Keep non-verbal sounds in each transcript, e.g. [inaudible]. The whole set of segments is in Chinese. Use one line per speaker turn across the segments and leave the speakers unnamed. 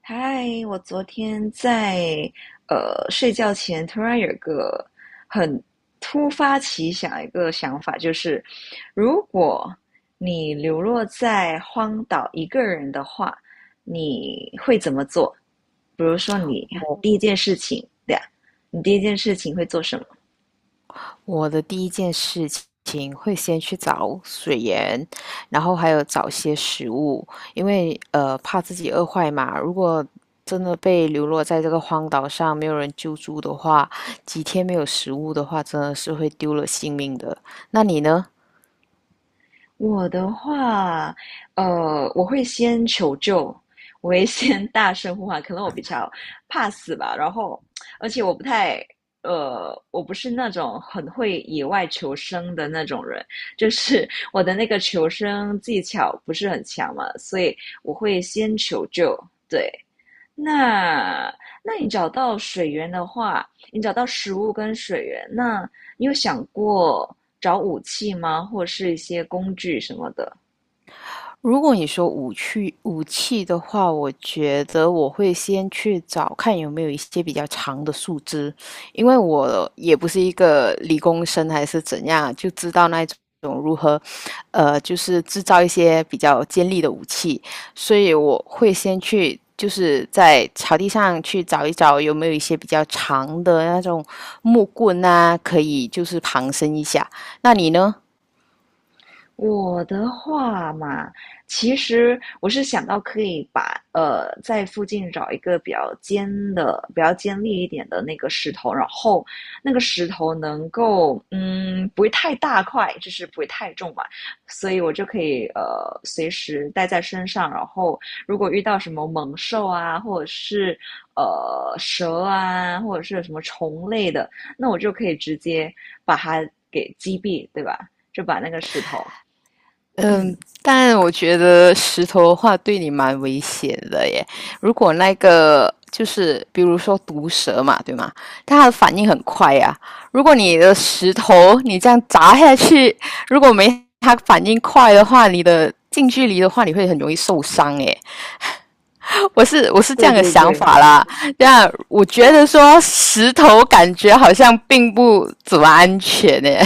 嗨，我昨天在睡觉前突然有一个很突发奇想一个想法，就是如果你流落在荒岛一个人的话，你会怎么做？比如说，你第一
我
件事情，对呀，你第一件事情会做什么？
我的第一件事情会先去找水源，然后还有找些食物，因为怕自己饿坏嘛。如果真的被流落在这个荒岛上，没有人救助的话，几天没有食物的话，真的是会丢了性命的。那你呢？
我的话，我会先求救，我会先大声呼喊，可能我比较怕死吧。然后，而且我不是那种很会野外求生的那种人，就是我的那个求生技巧不是很强嘛，所以我会先求救。对，那那你找到水源的话，你找到食物跟水源，那你有想过找武器吗？或是一些工具什么的？
如果你说武器的话，我觉得我会先去找看有没有一些比较长的树枝，因为我也不是一个理工生还是怎样，就知道那种如何，就是制造一些比较尖利的武器，所以我会先去。就是在草地上去找一找有没有一些比较长的那种木棍啊，可以就是旁身一下。那你呢？
我的话嘛，其实我是想到可以在附近找一个比较尖的、比较尖利一点的那个石头，然后那个石头能够不会太大块，就是不会太重嘛，所以我就可以随时带在身上，然后如果遇到什么猛兽啊，或者是蛇啊，或者是什么虫类的，那我就可以直接把它给击毙，对吧？就把那个石头。嗯，
嗯，但我觉得石头的话对你蛮危险的耶。如果那个就是比如说毒蛇嘛，对吗？它的反应很快呀、如果你的石头你这样砸下去，如果没它反应快的话，你的近距离的话你会很容易受伤耶。我是这
对
样的
对
想
对。
法啦。这样我觉得说石头感觉好像并不怎么安全耶。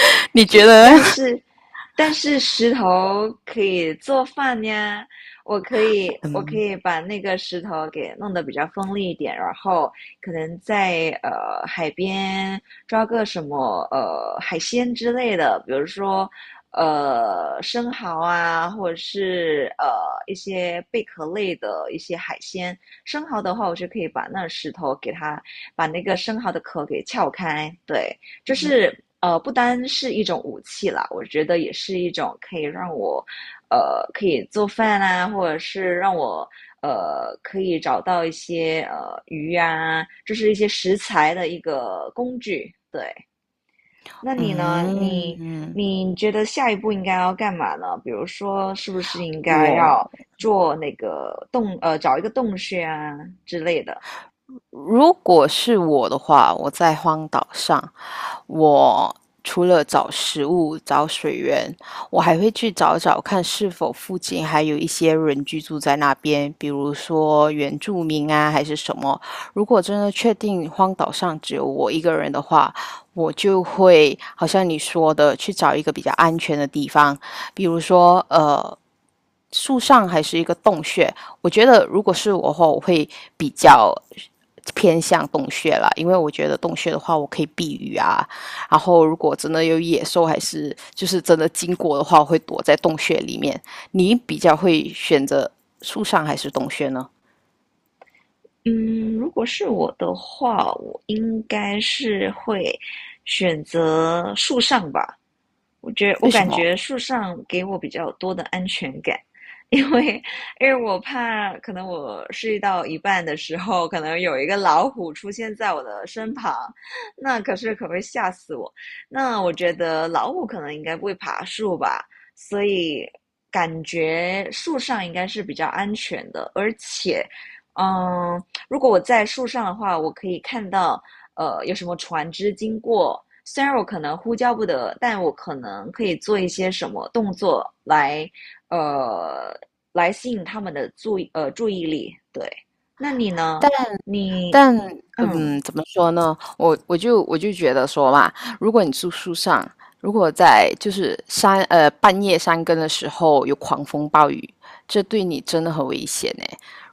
[laughs] 你觉
是
得
但
呢？
是但是石头可以做饭呀，我可以我可
嗯
以把那个石头给弄得比较锋利一点，然后可能在海边抓个什么海鲜之类的，比如说生蚝啊，或者是一些贝壳类的一些海鲜。生蚝的话，我就可以把那石头给它把那个生蚝的壳给撬开，对。就是不单是一种武器啦，我觉得也是一种可以让我可以做饭啊，或者是让我可以找到一些鱼啊，就是一些食材的一个工具。对，那你呢？你
嗯。
你觉得下一步应该要干嘛呢？比如说，是不是应该
我
要做那个洞呃，找一个洞穴啊之类的？
如果是我的话，我在荒岛上，我除了找食物、找水源，我还会去找找看是否附近还有一些人居住在那边，比如说原住民啊，还是什么。如果真的确定荒岛上只有我一个人的话，我就会好像你说的去找一个比较安全的地方，比如说树上还是一个洞穴。我觉得如果是我的话，我会比较偏向洞穴啦，因为我觉得洞穴的话，我可以避雨啊。然后如果真的有野兽，还是就是真的经过的话，我会躲在洞穴里面。你比较会选择树上还是洞穴呢？
嗯，如果是我的话，我应该是会选择树上吧，我觉得我
为什
感
么？
觉树上给我比较多的安全感，因为因为我怕可能我睡到一半的时候，可能有一个老虎出现在我的身旁，那可是可会吓死我。那我觉得老虎可能应该不会爬树吧，所以感觉树上应该是比较安全的，而且，嗯，如果我在树上的话，我可以看到有什么船只经过，虽然我可能呼叫不得，但我可能可以做一些什么动作来呃来吸引他们的注意力。对，那你呢？你
但
嗯，
嗯，怎么说呢？我就觉得说嘛，如果你住树上，如果在就是山半夜山更的时候有狂风暴雨，这对你真的很危险呢。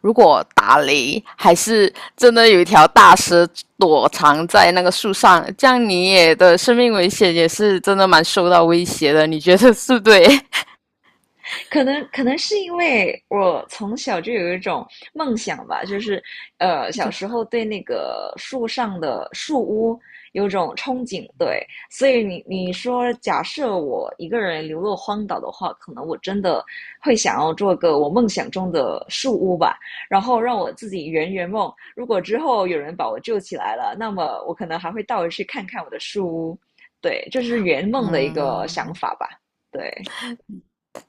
如果打雷，还是真的有一条大蛇躲藏在那个树上，这样你也的生命危险也是真的蛮受到威胁的。你觉得是不对
可能是因为我从小就有一种梦想吧，就是
[laughs]
小
就
时候对那个树上的树屋有种憧憬，对，所以你说假设我一个人流落荒岛的话，可能我真的会想要做个我梦想中的树屋吧，然后让我自己圆圆梦。如果之后有人把我救起来了，那么我可能还会倒回去看看我的树屋，对，这是圆梦的一个想
嗯。
法吧，对。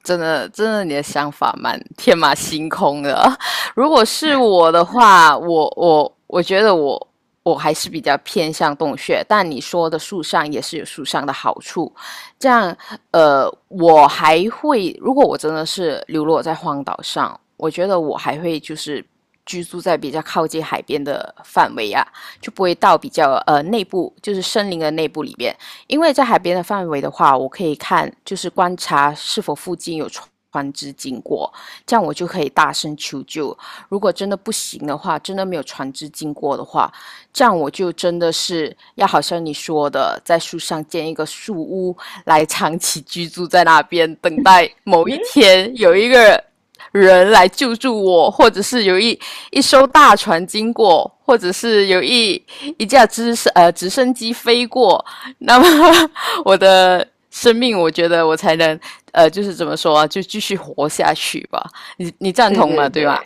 真的，真的，你的想法蛮天马行空的。[laughs] 如果是我的话，我觉得我还是比较偏向洞穴，但你说的树上也是有树上的好处。这样，我还会，如果我真的是流落在荒岛上，我觉得我还会就是居住在比较靠近海边的范围啊，就不会到比较内部，就是森林的内部里边。因为在海边的范围的话，我可以看，就是观察是否附近有船只经过，这样我就可以大声求救。如果真的不行的话，真的没有船只经过的话，这样我就真的是要好像你说的，在树上建一个树屋来长期居住在那边，等待某一
嗯，
天有一个人来救助我，或者是有一艘大船经过，或者是有一架直升机飞过，[laughs] 那么我的生命，我觉得我才能就是怎么说啊，就继续活下去吧。你赞
对
同
对
吗？对吧？
对，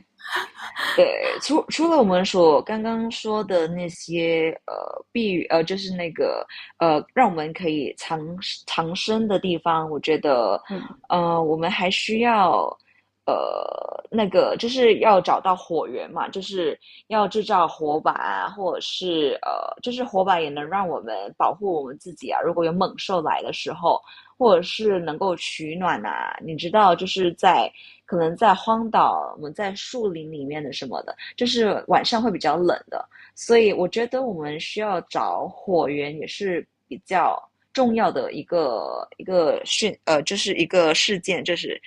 对，除了我们所刚刚说的那些呃避呃，就是那个让我们可以藏身的地方，我觉得
嗯，
我们还需要那个就是要找到火源嘛，就是要制造火把啊，或者是就是火把也能让我们保护我们自己啊。如果有猛兽来的时候，或者是能够取暖呐、你知道，就是可能在荒岛，我们在树林里面的什么的，就是晚上会比较冷的，所以我觉得我们需要找火源也是比较重要的一个就是一个事件，就是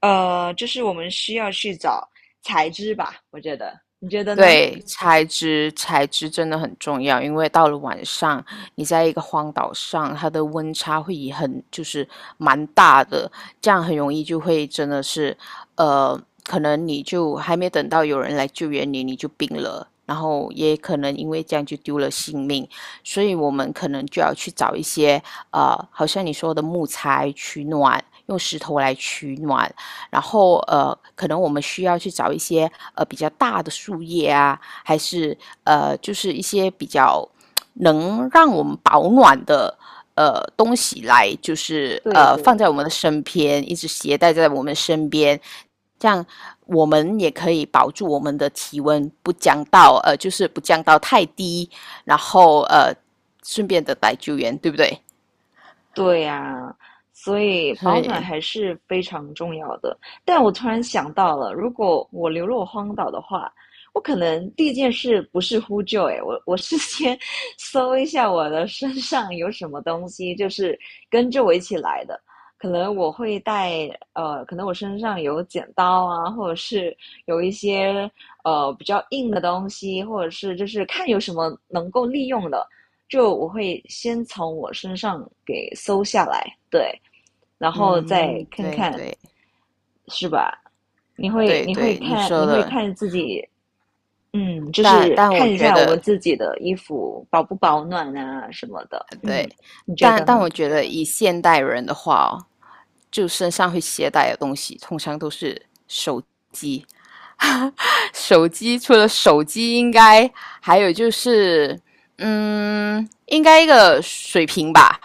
就是我们需要去找材质吧，我觉得，你觉得呢？
对，材质真的很重要，因为到了晚上，你在一个荒岛上，它的温差会以很就是蛮大的，这样很容易就会真的是，呃，可能你就还没等到有人来救援你，你就病了，然后也可能因为这样就丢了性命，所以我们可能就要去找一些好像你说的木材取暖，用石头来取暖，然后可能我们需要去找一些比较大的树叶啊，还是就是一些比较能让我们保暖的东西来，就是
对
放在
对，
我们的身边，一直携带在我们身边，这样我们也可以保住我们的体温不降到就是不降到太低，然后顺便的来救援，对不对？
对呀，所以
所
保暖
以
还是非常重要的。但我突然想到了，如果我流落荒岛的话，我可能第一件事不是呼救，诶，我是先 [laughs] 搜一下我的身上有什么东西，就是跟着我一起来的。可能我会带，可能我身上有剪刀啊，或者是有一些比较硬的东西，或者是就是看有什么能够利用的。就我会先从我身上给搜下来，对，然后再
嗯，
看
对
看，
对
是吧？你会
对
你会
对，你
看
说
你会
的。
看自己，嗯，就
但
是
但
看
我
一
觉
下我
得
们自己的衣服保不保暖啊什么的，
对，
嗯，你觉
但
得
但
呢？
我觉得以现代人的话哦，就身上会携带的东西，通常都是手机。[laughs] 手机除了手机，应该还有就是，嗯，应该一个水瓶吧。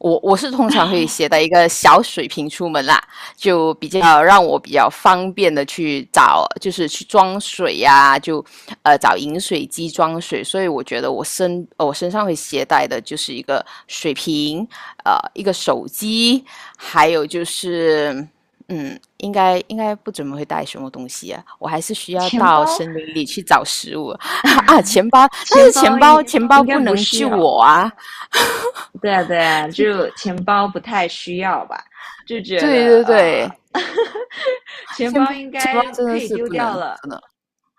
我通常会携带一个小水瓶出门啦，就比较让我比较方便的去找，就是去装水呀、就找饮水机装水。所以我觉得我身上会携带的就是一个水瓶，一个手机，还有就是嗯应该不怎么会带什么东西啊，我还是需要
钱
到
包
森林里去找食物 [laughs] 啊，钱包，但
钱
是
包
钱包
应
钱包
应该
不
不
能
需
救
要，
我啊，
对啊对啊，就钱包不太需要吧，就觉得
对对对。
钱
钱
包
包
应
钱包
该
真
可
的
以
是
丢
不能，
掉了，
真的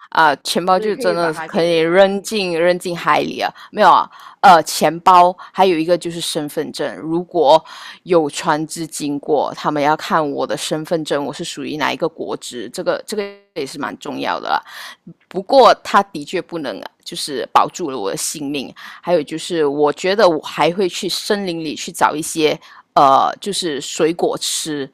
啊、钱包
所以
就
可
真
以把
的是
它
可
给
以扔进海里啊，没有啊，钱包还有一个就是身份证，如果有船只经过，他们要看我的身份证，我是属于哪一个国籍，这个也是蛮重要的啦。不过他的确不能，啊，就是保住了我的性命，还有就是我觉得我还会去森林里去找一些就是水果吃，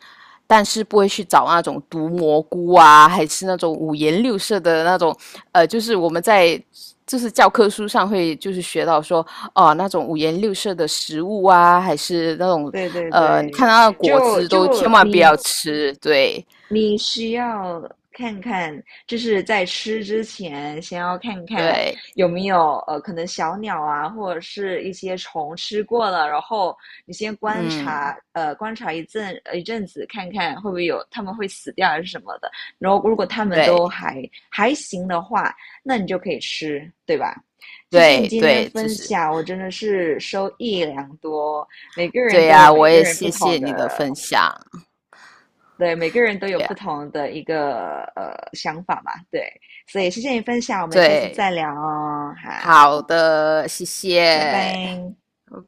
但是不会去找那种毒蘑菇啊，还是那种五颜六色的那种，就是我们在就是教科书上会就是学到说，哦、那种五颜六色的食物啊，还是那种
对对
你看
对，
到的果
就
汁
就
都千万不
你，
要吃，对
你需要看看，就是在吃之前，先要看看
对，
有没有可能小鸟啊，或者是一些虫吃过了，然后你先观
嗯，
察，观察一阵子，看看会不会有它们会死掉还是什么的。然后如果它们都
对
还行的话，那你就可以吃，对吧？谢谢你
对
今天的
对，就
分
是
享，我真的是收益良多。每个人
对
都有
呀、我
每个
也
人不
谢
同
谢
的，
你的分享，
对，每个人都
对
有
呀、
不同的一个想法嘛，对，所以谢谢你分享，我们下次再
对，
聊哦，
好
好，
的，谢
拜
谢。
拜。